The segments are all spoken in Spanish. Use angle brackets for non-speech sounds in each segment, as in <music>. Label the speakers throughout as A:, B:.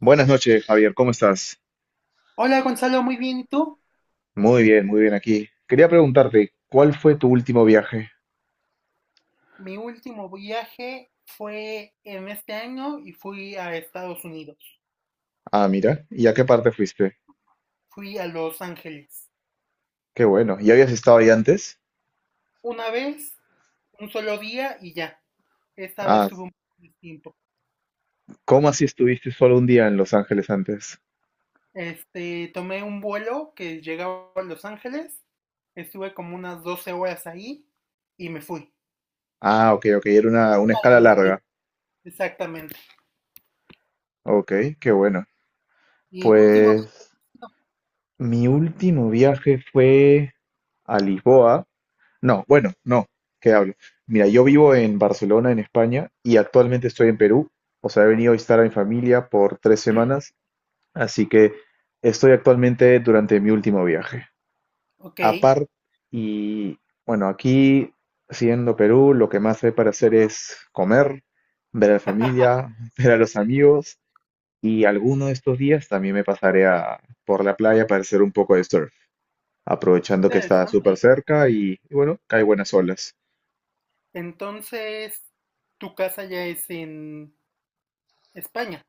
A: Buenas noches, Javier, ¿cómo estás?
B: Hola Gonzalo, muy bien, ¿y tú?
A: Muy bien aquí. Quería preguntarte, ¿cuál fue tu último viaje?
B: Mi último viaje fue en este año y fui a Estados Unidos.
A: Ah, mira, ¿y a qué parte fuiste?
B: Fui a Los Ángeles.
A: Qué bueno, ¿y habías estado ahí antes?
B: Una vez, un solo día y ya. Esta vez
A: Ah,
B: tuve un poco de tiempo.
A: ¿cómo así estuviste solo un día en Los Ángeles antes?
B: Este, tomé un vuelo que llegaba a Los Ángeles. Estuve como unas 12 horas ahí y me fui.
A: Ah, ok, ok, era una
B: Para
A: escala
B: más bien.
A: larga.
B: Exactamente.
A: Ok, qué bueno.
B: ¿Y tu último viaje?
A: Pues mi último viaje fue a Lisboa. No, bueno, no, ¿qué hablo? Mira, yo vivo en Barcelona, en España, y actualmente estoy en Perú. O sea, he venido a visitar a mi familia por 3 semanas. Así que estoy actualmente durante mi último viaje.
B: Ok,
A: Aparte, y bueno, aquí, siendo Perú, lo que más hay para hacer es comer, ver a la familia, <laughs> ver a los amigos, y alguno de estos días también por la playa para hacer un poco de surf, aprovechando que está súper
B: interesante.
A: cerca y bueno, cae buenas olas.
B: Entonces, tu casa ya es en España.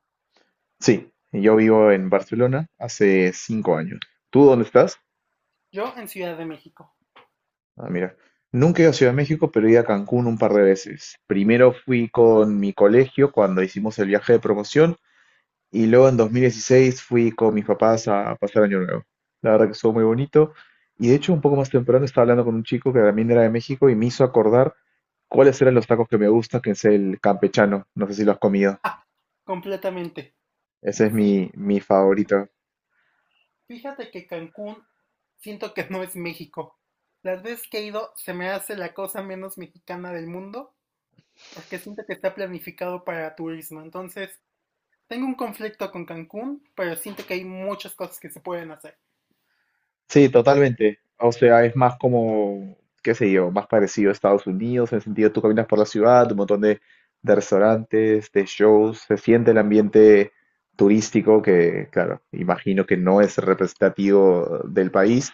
A: Sí, yo vivo en Barcelona hace 5 años. ¿Tú dónde estás?
B: Yo en Ciudad de México.
A: Ah, mira, nunca he ido a Ciudad de México, pero he ido a Cancún un par de veces. Primero fui con mi colegio cuando hicimos el viaje de promoción y luego en 2016 fui con mis papás a pasar Año Nuevo. La verdad que estuvo muy bonito, y de hecho un poco más temprano estaba hablando con un chico que también era de México y me hizo acordar cuáles eran los tacos que me gustan, que es el campechano. No sé si lo has comido.
B: Ah, completamente.
A: Ese es
B: Sí,
A: mi favorito.
B: fíjate que Cancún siento que no es México. Las veces que he ido se me hace la cosa menos mexicana del mundo porque siento que está planificado para turismo. Entonces, tengo un conflicto con Cancún, pero siento que hay muchas cosas que se pueden hacer.
A: Sí, totalmente. O sea, es más como, qué sé yo, más parecido a Estados Unidos, en el sentido tú caminas por la ciudad, un montón de restaurantes, de shows, se siente el ambiente turístico que, claro, imagino que no es representativo del país.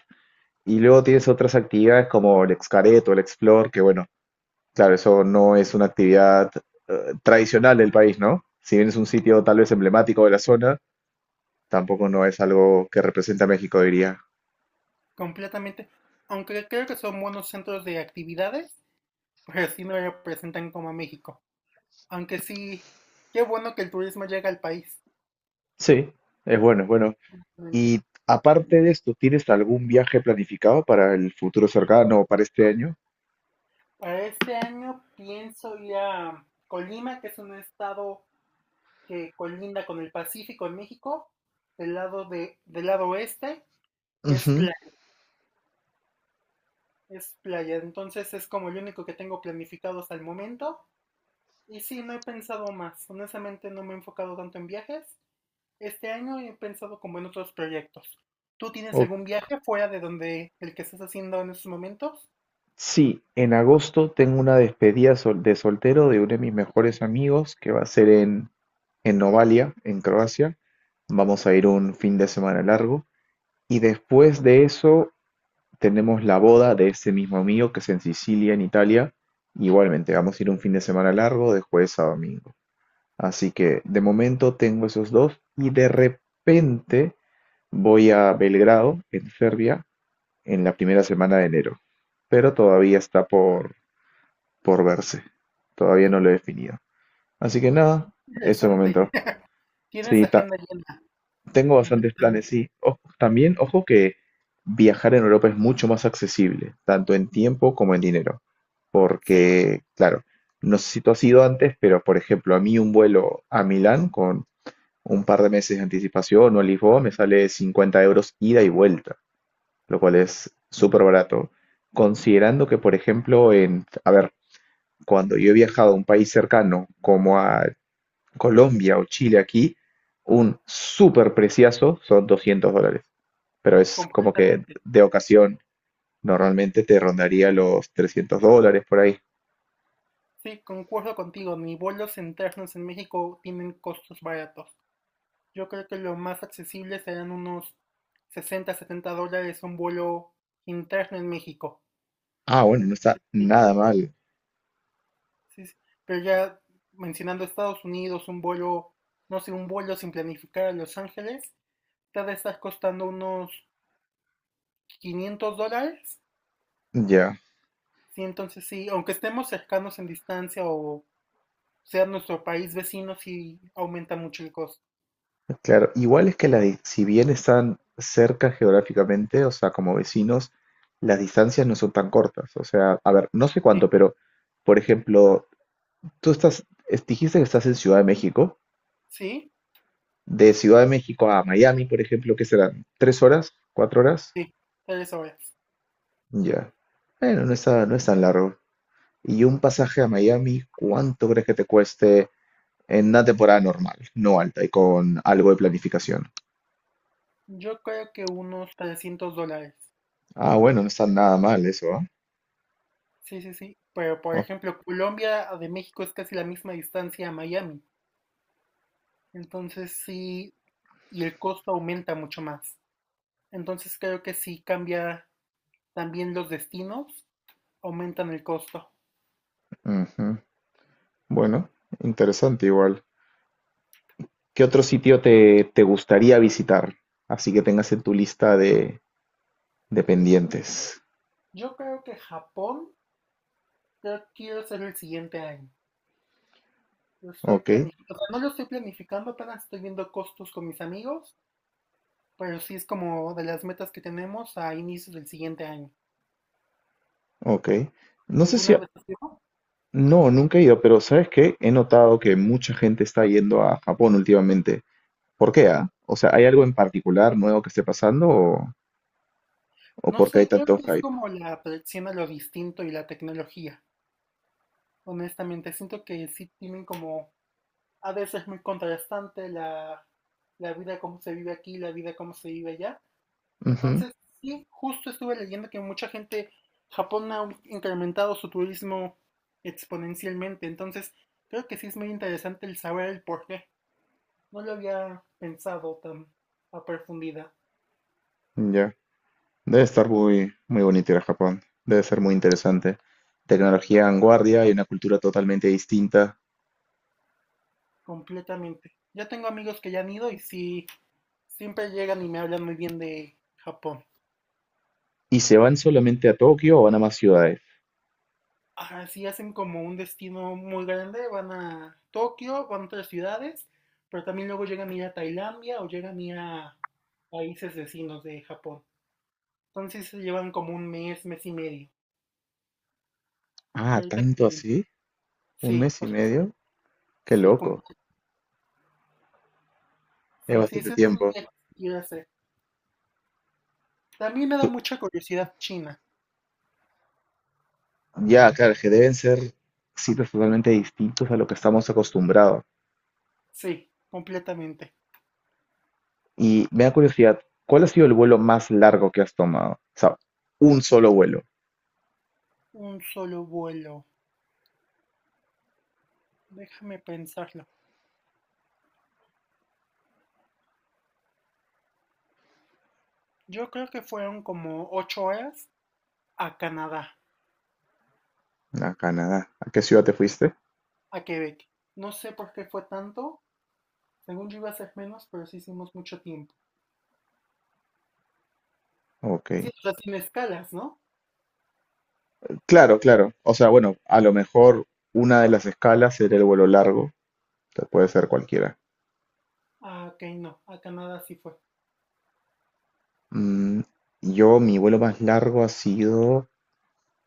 A: Y luego tienes otras actividades como el Xcaret o el Explore, que bueno, claro, eso no es una actividad tradicional del país, ¿no? Si bien es un sitio tal vez emblemático de la zona, tampoco no es algo que representa a México, diría.
B: Completamente. Aunque creo que son buenos centros de actividades, pero sí no representan como a México. Aunque sí, qué bueno que el turismo llega al país.
A: Sí, es bueno, es bueno. Y aparte de esto, ¿tienes algún viaje planificado para el futuro cercano o para este año?
B: Para este año pienso ir a Colima, que es un estado que colinda con el Pacífico en México, del lado oeste, que es
A: Ujú.
B: playa, es playa. Entonces es como el único que tengo planificado hasta el momento. Y sí, no he pensado más. Honestamente no me he enfocado tanto en viajes. Este año he pensado como en otros proyectos. ¿Tú tienes
A: O-
B: algún viaje fuera de donde el que estás haciendo en estos momentos?
A: sí, en agosto tengo una de soltero de uno de mis mejores amigos que va a ser en Novalia, en Croacia. Vamos a ir un fin de semana largo. Y después de eso tenemos la boda de ese mismo amigo que es en Sicilia, en Italia. Igualmente, vamos a ir un fin de semana largo de jueves a domingo. Así que de momento tengo esos dos y de repente voy a Belgrado, en Serbia, en la primera semana de enero. Pero todavía está por verse. Todavía no lo he definido. Así que nada, eso de
B: Interesante.
A: momento.
B: Tienes
A: Sí,
B: agenda llena,
A: tengo bastantes planes,
B: completamente.
A: sí. Ojo que viajar en Europa es mucho más accesible, tanto en tiempo como en dinero.
B: Sí,
A: Porque, claro, no sé si tú has ido antes, pero por ejemplo, a mí un vuelo a Milán con un par de meses de anticipación o el Lisboa, me sale 50 euros ida y vuelta, lo cual es súper barato. Considerando que, por ejemplo, a ver, cuando yo he viajado a un país cercano como a Colombia o Chile aquí, un súper preciazo son 200 dólares, pero es como que
B: completamente.
A: de ocasión normalmente te rondaría los 300 dólares por ahí.
B: Sí, concuerdo contigo, ni vuelos internos en México tienen costos baratos. Yo creo que lo más accesible serán unos 60, 70 dólares un vuelo interno en México.
A: Ah, bueno, no está
B: Entonces, sí,
A: nada mal.
B: sí, sí. Pero ya mencionando Estados Unidos, un vuelo, no sé, un vuelo sin planificar a Los Ángeles, te ha de estar costando unos 500 dólares.
A: Ya.
B: Sí, entonces sí, aunque estemos cercanos en distancia o sea nuestro país vecino, sí aumenta mucho el costo.
A: Claro, igual es que si bien están cerca geográficamente, o sea, como vecinos, las distancias no son tan cortas. O sea, a ver, no sé
B: Sí,
A: cuánto, pero, por ejemplo, dijiste que estás en Ciudad de México.
B: sí.
A: De Ciudad de México a Miami, por ejemplo, ¿qué serán? ¿Tres horas? ¿Cuatro horas?
B: Sí, 3 horas.
A: Ya. Bueno, no es tan largo. Y un pasaje a Miami, ¿cuánto crees que te cueste en una temporada normal, no alta y con algo de planificación?
B: Yo creo que unos 300 dólares.
A: Ah, bueno, no está nada mal eso, ¿ah?
B: Sí, sí, sí. Pero, por
A: Oh,
B: ejemplo, Colombia de México es casi la misma distancia a Miami. Entonces sí, y el costo aumenta mucho más. Entonces creo que sí cambia también los destinos, aumentan el costo.
A: ujú. Bueno, interesante igual. ¿Qué otro sitio te gustaría visitar? Así que tengas en tu lista de pendientes.
B: Yo creo que Japón, creo que quiero hacer el siguiente año. Lo estoy
A: Ok,
B: planificando, o sea, no lo estoy planificando, apenas estoy viendo costos con mis amigos, pero sí es como de las metas que tenemos a inicios del siguiente año.
A: ok. No sé si...
B: ¿Alguna vez has ido?
A: No, nunca he ido, pero ¿sabes qué? He notado que mucha gente está yendo a Japón últimamente. ¿Por qué, ah? O sea, ¿hay algo en particular nuevo que esté pasando o
B: No
A: por qué hay
B: sé, creo
A: tanto
B: que es
A: hype?
B: como la atracción a lo distinto y la tecnología. Honestamente, siento que sí tienen como, a veces muy contrastante la vida como se vive aquí, la vida como se vive allá.
A: Ujú.
B: Entonces, sí, justo estuve leyendo que mucha gente, Japón ha incrementado su turismo exponencialmente. Entonces, creo que sí es muy interesante el saber el por qué. No lo había pensado tan a profundidad,
A: Ya. Debe estar muy, muy bonito ir a Japón. Debe ser muy interesante. Tecnología vanguardia y una cultura totalmente distinta.
B: completamente. Yo tengo amigos que ya han ido y sí, siempre llegan y me hablan muy bien de Japón.
A: ¿Y se van solamente a Tokio o van a más ciudades?
B: Ahora sí hacen como un destino muy grande, van a Tokio, van a otras ciudades, pero también luego llegan a ir a Tailandia o llegan a ir a países vecinos de Japón. Entonces se llevan como un mes, mes y medio.
A: Ah,
B: Ahorita que
A: tanto
B: lo
A: así,
B: mencioné.
A: un
B: Sí,
A: mes y
B: o sea, sí,
A: medio, qué
B: sí, com-
A: loco, es
B: sí, sí,
A: bastante
B: ese es un
A: tiempo.
B: viaje que quiero hacer. También me da
A: Tú-
B: mucha curiosidad China.
A: Ya, claro, que deben ser sitios totalmente distintos a lo que estamos acostumbrados.
B: Sí, completamente.
A: Y me da curiosidad, ¿cuál ha sido el vuelo más largo que has tomado? O sea, un solo vuelo
B: Un solo vuelo. Déjame pensarlo. Yo creo que fueron como 8 horas a Canadá,
A: a Canadá. ¿A qué ciudad te fuiste?
B: a Quebec. No sé por qué fue tanto. Según yo iba a ser menos, pero sí hicimos mucho tiempo.
A: Ok.
B: Sí, o sea, sin escalas, ¿no?
A: Claro, claro. O sea, bueno, a lo mejor una de las escalas era el vuelo largo, o sea, puede ser cualquiera.
B: Ah, ok, no. A Canadá sí fue.
A: Mm, yo, mi vuelo más largo ha sido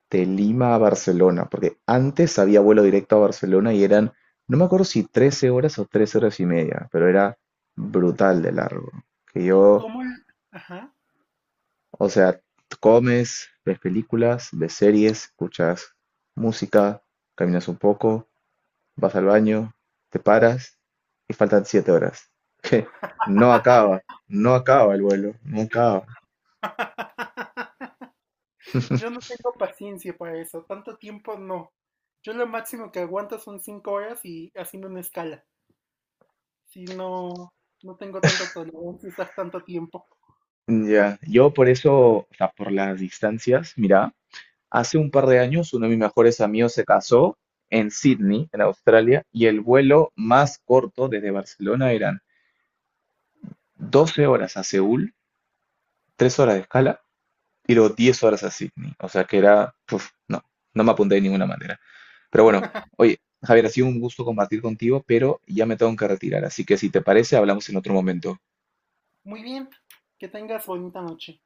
A: de Lima a Barcelona, porque antes había vuelo directo a Barcelona y eran, no me acuerdo si 13 horas o 3 horas y media, pero era brutal de largo. Que yo,
B: ¿Cómo? Ajá.
A: o sea, comes, ves películas, ves series, escuchas música, caminas un poco, vas al baño, te paras y faltan 7 horas. <laughs> Que no acaba, no acaba el vuelo, no acaba.
B: <laughs> Yo no tengo paciencia para eso. Tanto tiempo no. Yo lo máximo que aguanto son 5 horas y haciendo una escala. Si no, no tengo tanta tolerancia a estar tanto tiempo.
A: Ya, yo por eso, o sea, por las distancias, mira, hace un par de años uno de mis mejores amigos se casó en Sydney, en Australia, y el vuelo más corto desde Barcelona eran 12 horas a Seúl, 3 horas de escala, y luego 10 horas a Sydney. O sea que era, uf, no, no me apunté de ninguna manera. Pero bueno, oye, Javier, ha sido un gusto compartir contigo, pero ya me tengo que retirar, así que si te parece, hablamos en otro momento.
B: Muy bien. Que tengas bonita noche.